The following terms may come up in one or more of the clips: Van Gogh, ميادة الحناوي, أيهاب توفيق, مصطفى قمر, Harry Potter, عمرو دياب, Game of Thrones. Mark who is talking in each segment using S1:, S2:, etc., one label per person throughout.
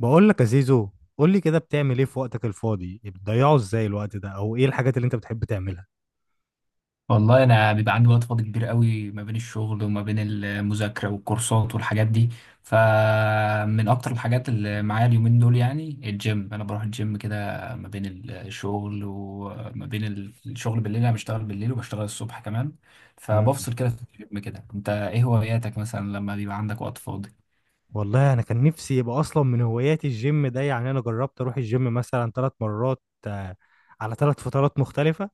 S1: بقول لك يا زيزو. قول لي كده، بتعمل ايه في وقتك الفاضي؟ بتضيعه ازاي الوقت ده؟ او ايه الحاجات اللي انت بتحب تعملها؟
S2: والله انا بيبقى عندي وقت فاضي كبير قوي ما بين الشغل وما بين المذاكره والكورسات والحاجات دي. فمن اكتر الحاجات اللي معايا اليومين دول يعني الجيم، انا بروح الجيم كده ما بين الشغل وما بين الشغل بالليل، انا بشتغل بالليل وبشتغل الصبح كمان.
S1: امم
S2: فبفصل كده في الجيم كده، انت ايه هواياتك مثلا لما بيبقى عندك وقت فاضي؟
S1: والله انا كان نفسي يبقى اصلا من هواياتي الجيم ده. يعني انا جربت اروح الجيم مثلا 3 مرات، على 3 فترات مختلفة.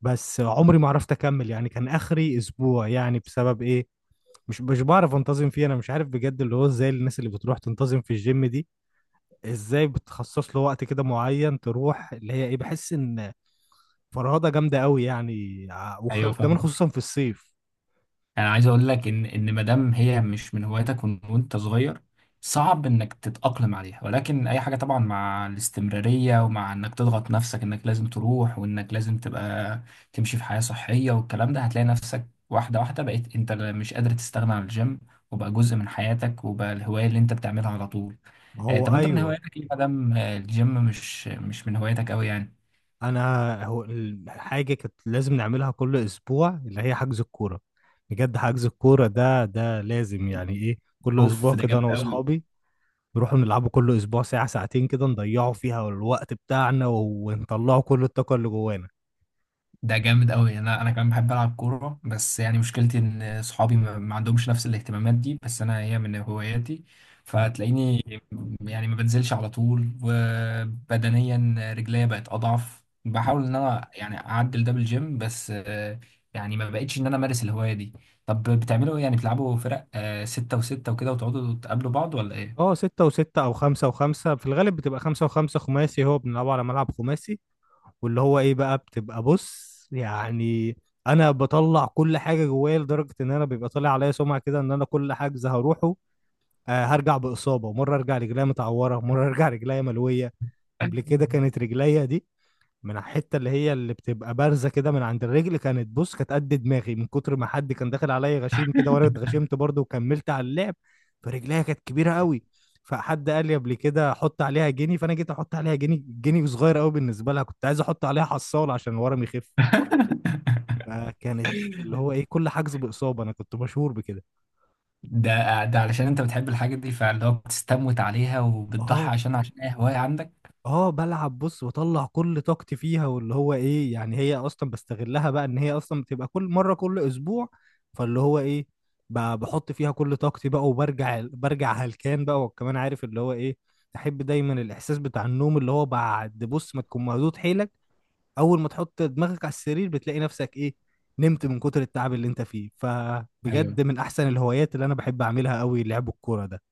S1: بس عمري ما عرفت اكمل، يعني كان اخري اسبوع. يعني بسبب ايه؟ مش بعرف انتظم فيه. انا مش عارف بجد اللي هو ازاي الناس اللي بتروح تنتظم في الجيم دي، ازاي بتخصص له وقت كده معين تروح. اللي هي ايه، بحس ان فرهضة جامدة قوي. يعني
S2: ايوه،
S1: وكمان
S2: فاهمك.
S1: خصوصا في الصيف.
S2: يعني عايز اقول لك ان ما دام هي مش من هواياتك وانت صغير، صعب انك تتأقلم عليها، ولكن اي حاجة طبعا مع الاستمرارية ومع انك تضغط نفسك انك لازم تروح وانك لازم تبقى تمشي في حياة صحية والكلام ده، هتلاقي نفسك واحدة واحدة بقيت انت مش قادر تستغنى عن الجيم، وبقى جزء من حياتك، وبقى الهواية اللي انت بتعملها على طول.
S1: ما هو
S2: طب انت من
S1: أيوه.
S2: هواياتك ليه ما دام الجيم مش من هواياتك قوي يعني؟
S1: أنا حاجة كانت لازم نعملها كل أسبوع اللي هي حجز الكورة. بجد حجز الكورة ده ده لازم، يعني إيه، كل
S2: اوف،
S1: أسبوع
S2: ده
S1: كده
S2: جامد
S1: أنا
S2: قوي.
S1: وأصحابي نروحوا نلعبوا كل أسبوع ساعة ساعتين كده، نضيعوا فيها الوقت بتاعنا ونطلعوا كل الطاقة اللي جوانا.
S2: ده جامد قوي. انا كمان بحب العب كوره، بس يعني مشكلتي ان صحابي ما عندهمش نفس الاهتمامات دي، بس انا هي من هواياتي.
S1: مم.
S2: فتلاقيني يعني ما بنزلش على طول، وبدنيا رجليا بقت اضعف. بحاول ان انا يعني اعدل ده بالجيم، بس يعني ما بقتش ان انا امارس الهوايه دي. طب بتعملوا ايه؟ يعني بتلعبوا فرق ستة وستة وكده وتقعدوا تقابلوا بعض ولا ايه؟
S1: اه، ستة وستة أو خمسة وخمسة، في الغالب بتبقى خمسة وخمسة، خماسي، هو بنلعبه على ملعب خماسي. واللي هو ايه بقى بتبقى بص يعني، انا بطلع كل حاجه جوايا، لدرجه ان انا بيبقى طالع عليا سمعه كده ان انا كل حجز هروحه هرجع باصابه. مره ارجع رجليا متعوره، مره ارجع رجليا ملويه. قبل كده كانت رجليا دي، من على الحته اللي هي اللي بتبقى بارزه كده من عند الرجل، كانت بص، كانت قد دماغي، من كتر ما حد كان داخل عليا غشيم كده، وانا اتغشمت برضه وكملت على اللعب. فرجليها كانت كبيره قوي. فحد قال لي قبل كده حط عليها جنيه، فانا جيت احط عليها جنيه، جنيه صغير قوي بالنسبه لها. كنت عايز احط عليها حصاله عشان ورم يخف. فكانت اللي هو ايه، كل حجز باصابه. انا كنت مشهور بكده.
S2: ده علشان انت بتحب الحاجة دي، فاللي هو بتستموت عليها
S1: اه.
S2: وبتضحي عشان اي هواية عندك.
S1: اه، بلعب بص، بطلع كل طاقتي فيها. واللي هو ايه، يعني هي اصلا بستغلها بقى ان هي اصلا بتبقى كل مره كل اسبوع. فاللي هو ايه، بحط فيها كل طاقتي بقى وبرجع، برجع هلكان بقى. وكمان عارف اللي هو ايه، تحب دايما الاحساس بتاع النوم، اللي هو بعد بص ما تكون مهدود حيلك، اول ما تحط دماغك على السرير بتلاقي نفسك ايه، نمت من كتر التعب اللي انت فيه. فبجد
S2: ايوه.
S1: من احسن الهوايات اللي انا بحب اعملها قوي لعب الكوره ده.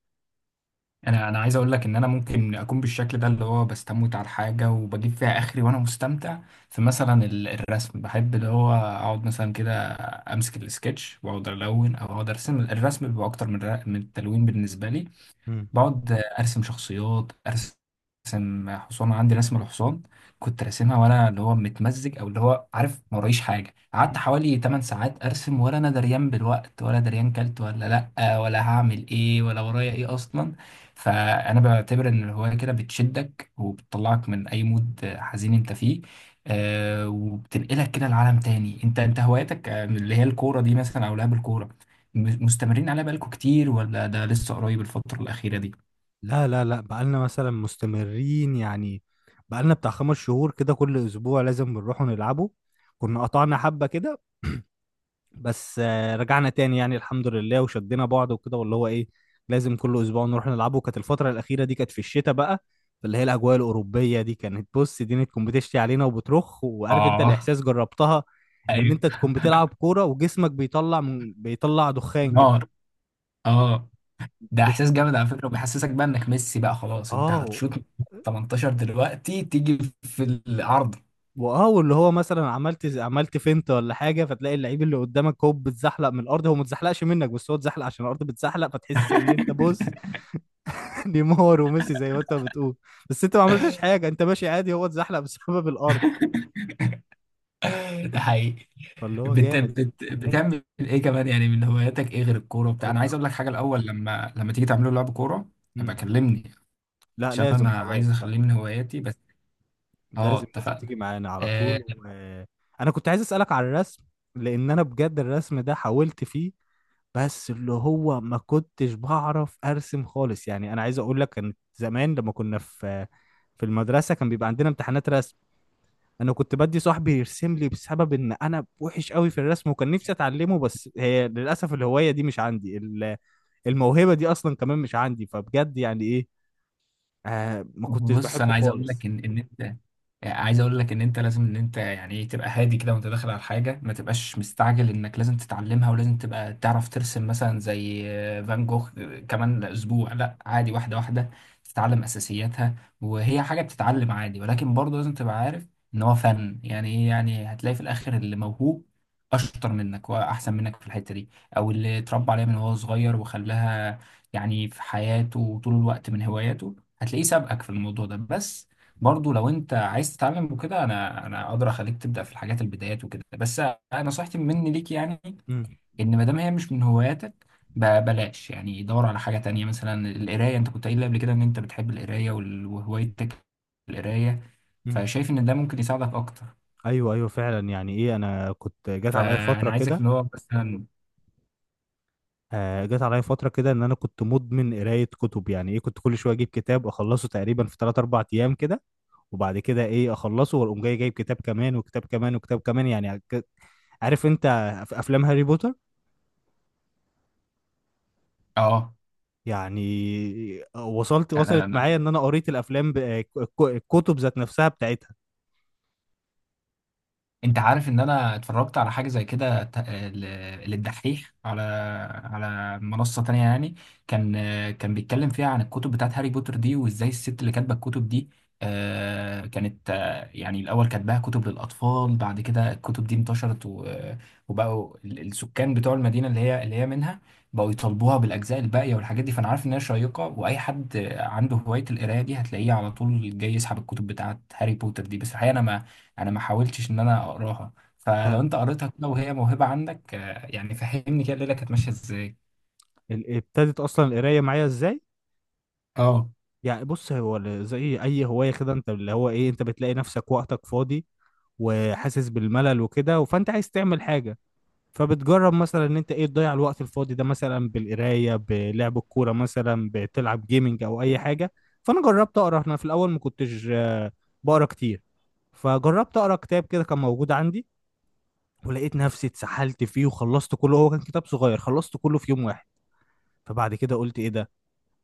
S2: انا عايز اقول لك ان انا ممكن اكون بالشكل ده اللي هو بستموت على الحاجة وبجيب فيها اخري وانا مستمتع. في مثلا الرسم، بحب اللي هو اقعد مثلا كده، امسك السكتش واقعد الون او اقعد ارسم. الرسم بيبقى اكتر من من التلوين بالنسبة لي.
S1: إمم.
S2: بقعد ارسم شخصيات، ارسم حصان. عندي رسمه الحصان كنت راسمها وانا اللي هو متمزج، او اللي هو عارف ما ورايش حاجه، قعدت حوالي 8 ساعات ارسم ولا انا دريان بالوقت ولا دريان كلت ولا لا ولا هعمل ايه ولا ورايا ايه اصلا. فانا بعتبر ان الهوايه كده بتشدك وبتطلعك من اي مود حزين انت فيه. وبتنقلك كده لعالم تاني. انت هواياتك اللي هي الكوره دي مثلا او لعب الكوره، مستمرين عليها بقالكوا كتير، ولا ده لسه قريب الفترة الأخيرة دي؟
S1: لا لا لا، بقالنا مثلا مستمرين، يعني بقالنا بتاع 5 شهور كده، كل اسبوع لازم بنروح نلعبه. كنا قطعنا حبة كده، بس رجعنا تاني يعني الحمد لله وشدينا بعض وكده. واللي هو ايه، لازم كل اسبوع نروح نلعبه. كانت الفترة الأخيرة دي كانت في الشتاء بقى، اللي هي الأجواء الأوروبية دي، كانت بص دي تكون بتشتي علينا وبترخ، وعارف انت
S2: اه.
S1: الإحساس جربتها، ان
S2: ايوه.
S1: انت تكون بتلعب كورة وجسمك بيطلع من، بيطلع دخان كده.
S2: نار. اه. ده
S1: بت...
S2: احساس جامد على فكره، وبيحسسك بقى انك ميسي بقى. خلاص، انت
S1: اه.
S2: هتشوط من 18 دلوقتي تيجي في العرض.
S1: واه، واللي هو مثلا عملت فينت ولا حاجه، فتلاقي اللعيب اللي قدامك هو بيتزحلق من الارض. هو ما اتزحلقش منك، بس هو اتزحلق عشان الارض بتزحلق. فتحس ان انت بص، نيمار وميسي زي ما انت بتقول. بس انت ما عملتش حاجه، انت ماشي عادي، هو اتزحلق بسبب الارض.
S2: ده حقيقي.
S1: فاللي هو جامد.
S2: بتعمل ايه كمان يعني؟ من هواياتك ايه غير الكوره وبتاع؟
S1: هو
S2: انا
S1: انا.
S2: عايز اقول لك حاجه الاول، لما تيجي تعملوا لعب كوره ابقى
S1: مم.
S2: كلمني،
S1: لا،
S2: عشان
S1: لازم،
S2: انا عايز
S1: خلاص، لا،
S2: اخليه من هواياتي بس. اه،
S1: لازم تيجي
S2: اتفقنا.
S1: معانا على
S2: آه،
S1: طول انا كنت عايز اسالك على الرسم، لان انا بجد الرسم ده حاولت فيه، بس اللي هو ما كنتش بعرف ارسم خالص. يعني انا عايز اقول لك، كان زمان لما كنا في في المدرسه كان بيبقى عندنا امتحانات رسم، انا كنت بدي صاحبي يرسم لي بسبب ان انا وحش قوي في الرسم. وكان نفسي اتعلمه، بس هي للاسف الهوايه دي مش عندي، الموهبه دي اصلا كمان مش عندي. فبجد يعني ايه، ما كنتش
S2: بص،
S1: بحبه
S2: انا عايز اقول
S1: خالص.
S2: لك ان انت، عايز اقول لك ان انت لازم ان انت يعني ايه تبقى هادي كده وانت داخل على الحاجه، ما تبقاش مستعجل انك لازم تتعلمها ولازم تبقى تعرف ترسم مثلا زي فان جوخ كمان اسبوع. لا عادي، واحده واحده تتعلم اساسياتها، وهي حاجه بتتعلم عادي. ولكن برضه لازم تبقى عارف ان هو فن، يعني ايه؟ يعني هتلاقي في الاخر اللي موهوب اشطر منك واحسن منك في الحته دي، او اللي اتربى عليها من وهو صغير وخلاها يعني في حياته طول الوقت من هواياته، هتلاقيه سابقك في الموضوع ده. بس برضو لو انت عايز تتعلم وكده، انا اقدر اخليك تبدا في الحاجات البدايات وكده. بس انا نصيحتي مني ليك يعني،
S1: امم
S2: ان ما دام هي مش من هواياتك، بلاش. يعني دور على حاجه تانية، مثلا القرايه. انت كنت قايل لي قبل كده ان انت بتحب القرايه وهوايتك القرايه،
S1: امم
S2: فشايف ان ده ممكن يساعدك اكتر.
S1: ايوه ايوه فعلا، يعني ايه، انا كنت جات عليا فتره
S2: فانا عايزك
S1: كده.
S2: اللي هو مثلا.
S1: جت عليا فترة كده إن أنا كنت مدمن قراية كتب. يعني إيه، كنت كل شوية أجيب كتاب أخلصه تقريبا في تلات أربع أيام كده. وبعد كده إيه، أخلصه وأقوم جاي جايب كتاب كمان وكتاب كمان وكتاب كمان. يعني عارف أنت في أفلام هاري بوتر،
S2: اه.
S1: يعني وصلت معايا إن أنا قريت الأفلام، الكتب ذات نفسها بتاعتها.
S2: انت عارف ان انا اتفرجت على حاجه زي كده، للدحيح على منصه تانية يعني. كان كان بيتكلم فيها عن الكتب بتاعت هاري بوتر دي، وازاي الست اللي كاتبه الكتب دي كانت يعني الاول كاتباها كتب للاطفال. بعد كده الكتب دي انتشرت، وبقوا السكان بتوع المدينه اللي هي منها، بقوا يطالبوها بالاجزاء الباقيه والحاجات دي. فانا عارف ان هي شيقه، واي حد عنده هوايه القرايه دي هتلاقيه على طول جاي يسحب الكتب بتاعت هاري بوتر دي. بس الحقيقه انا ما حاولتش ان انا اقراها. فلو
S1: يعني
S2: انت قريتها كده وهي موهبة عندك يعني فهمني كده الليلة كانت ماشية ازاي.
S1: ابتدت أصلا القراية معايا إزاي؟
S2: اه.
S1: يعني بص، هو زي أي هواية كده، أنت اللي هو إيه، أنت بتلاقي نفسك وقتك فاضي وحاسس بالملل وكده، فأنت عايز تعمل حاجة. فبتجرب مثلا ان انت ايه تضيع الوقت الفاضي ده، مثلا بالقرايه، بلعب الكوره، مثلا بتلعب جيمنج، او اي حاجه. فانا جربت اقرا. انا في الاول ما كنتش بقرا كتير. فجربت اقرا كتاب كده كان موجود عندي، ولقيت نفسي اتسحلت فيه وخلصت كله. هو كان كتاب صغير، خلصت كله في يوم واحد. فبعد كده قلت ايه ده،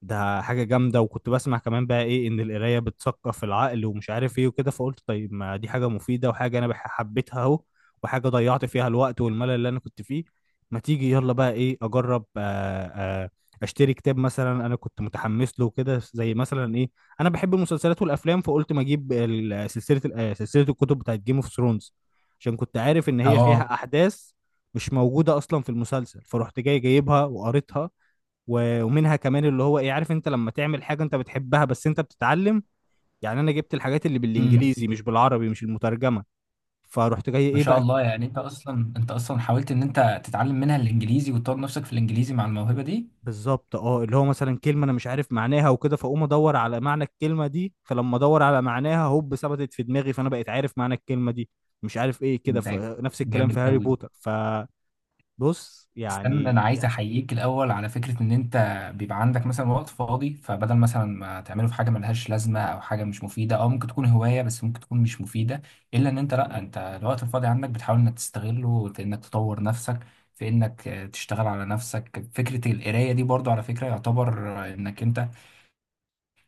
S1: ده حاجة جامدة. وكنت بسمع كمان بقى ايه، ان القراية بتثقف العقل ومش عارف ايه وكده. فقلت طيب، ما دي حاجة مفيدة، وحاجة انا حبيتها اهو، وحاجة ضيعت فيها الوقت والملل اللي انا كنت فيه. ما تيجي يلا بقى ايه، اجرب اشتري كتاب. مثلا انا كنت متحمس له كده، زي مثلا ايه، انا بحب المسلسلات والافلام. فقلت ما اجيب سلسلة، سلسلة الكتب بتاعت جيم اوف ثرونز، عشان كنت عارف ان هي
S2: اه.
S1: فيها احداث مش موجودة اصلا في المسلسل. فرحت جاي جايبها وقريتها. ومنها كمان اللي هو ايه، عارف انت لما تعمل حاجه انت بتحبها، بس انت بتتعلم. يعني انا جبت الحاجات اللي
S2: امم.
S1: بالانجليزي مش بالعربي، مش المترجمه. فرحت جاي
S2: ما
S1: ايه
S2: شاء
S1: بقى
S2: الله. يعني انت اصلا حاولت ان انت تتعلم منها الانجليزي وتطور نفسك في الانجليزي مع الموهبة دي.
S1: بالظبط. اه، اللي هو مثلا كلمه انا مش عارف معناها وكده، فاقوم ادور على معنى الكلمه دي. فلما ادور على معناها هوب ثبتت في دماغي، فانا بقيت عارف معنى الكلمه دي. مش عارف ايه كده،
S2: ده
S1: نفس الكلام
S2: جامد
S1: في هاري
S2: قوي.
S1: بوتر. فبص
S2: استنى، انا
S1: يعني،
S2: عايز احييك الاول على فكره ان انت بيبقى عندك مثلا وقت فاضي، فبدل مثلا ما تعمله في حاجه ملهاش لازمه او حاجه مش مفيده او ممكن تكون هوايه بس ممكن تكون مش مفيده، الا ان انت، لا، انت الوقت الفاضي عندك بتحاول انك تستغله في انك تطور نفسك، في انك تشتغل على نفسك. فكره القرايه دي برضو على فكره يعتبر انك انت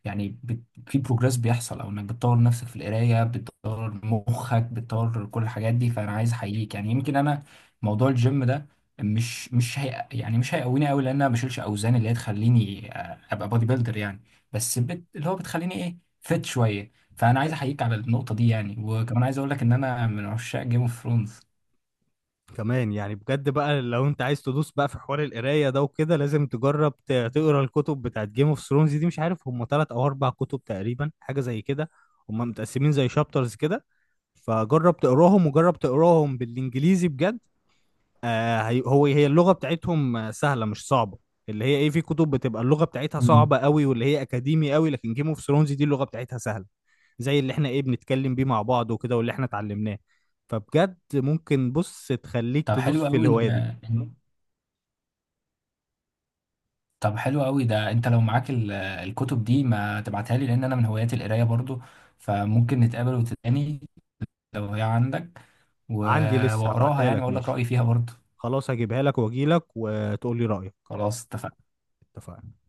S2: يعني في بروجرس بيحصل، او انك بتطور نفسك في القرايه، بتطور مخك، بتطور كل الحاجات دي. فانا عايز احييك يعني. يمكن انا موضوع الجيم ده مش هي، يعني مش هيقويني قوي، لان انا ما بشيلش اوزان اللي هي تخليني ابقى بودي بيلدر يعني. بس اللي هو بتخليني ايه فت شويه. فانا عايز احييك على النقطه دي يعني، وكمان عايز اقول لك ان انا من عشاق جيم اوف ثرونز.
S1: كمان يعني بجد بقى، لو انت عايز تدوس بقى في حوار القرايه ده وكده، لازم تجرب تقرا الكتب بتاعت جيم اوف ثرونز دي. مش عارف هم 3 أو 4 كتب تقريبا حاجه زي كده. هم متقسمين زي شابترز كده. فجرب تقراهم، وجرب تقراهم بالانجليزي بجد. آه هي- هو هي اللغة بتاعتهم سهلة مش صعبة. اللي هي ايه، في كتب بتبقى اللغة بتاعتها
S2: مم.
S1: صعبة قوي واللي هي اكاديمي قوي. لكن جيم اوف ثرونز دي اللغة بتاعتها سهلة، زي اللي احنا ايه بنتكلم بيه مع بعض وكده، واللي احنا اتعلمناه. فبجد ممكن بص تخليك
S2: طب
S1: تدوس
S2: حلو
S1: في
S2: قوي انت.
S1: الهواية دي.
S2: طب حلو قوي، ده انت لو معاك الكتب دي ما تبعتها لي، لان انا من هوايات القرايه برضو، فممكن نتقابل وتداني لو هي عندك، و-
S1: عندي لسه،
S2: واقراها
S1: هبعتها
S2: يعني
S1: لك
S2: واقول لك
S1: ماشي.
S2: رايي فيها برضو.
S1: خلاص هجيبها لك واجي لك وتقول لي رأيك.
S2: خلاص اتفقنا.
S1: اتفقنا.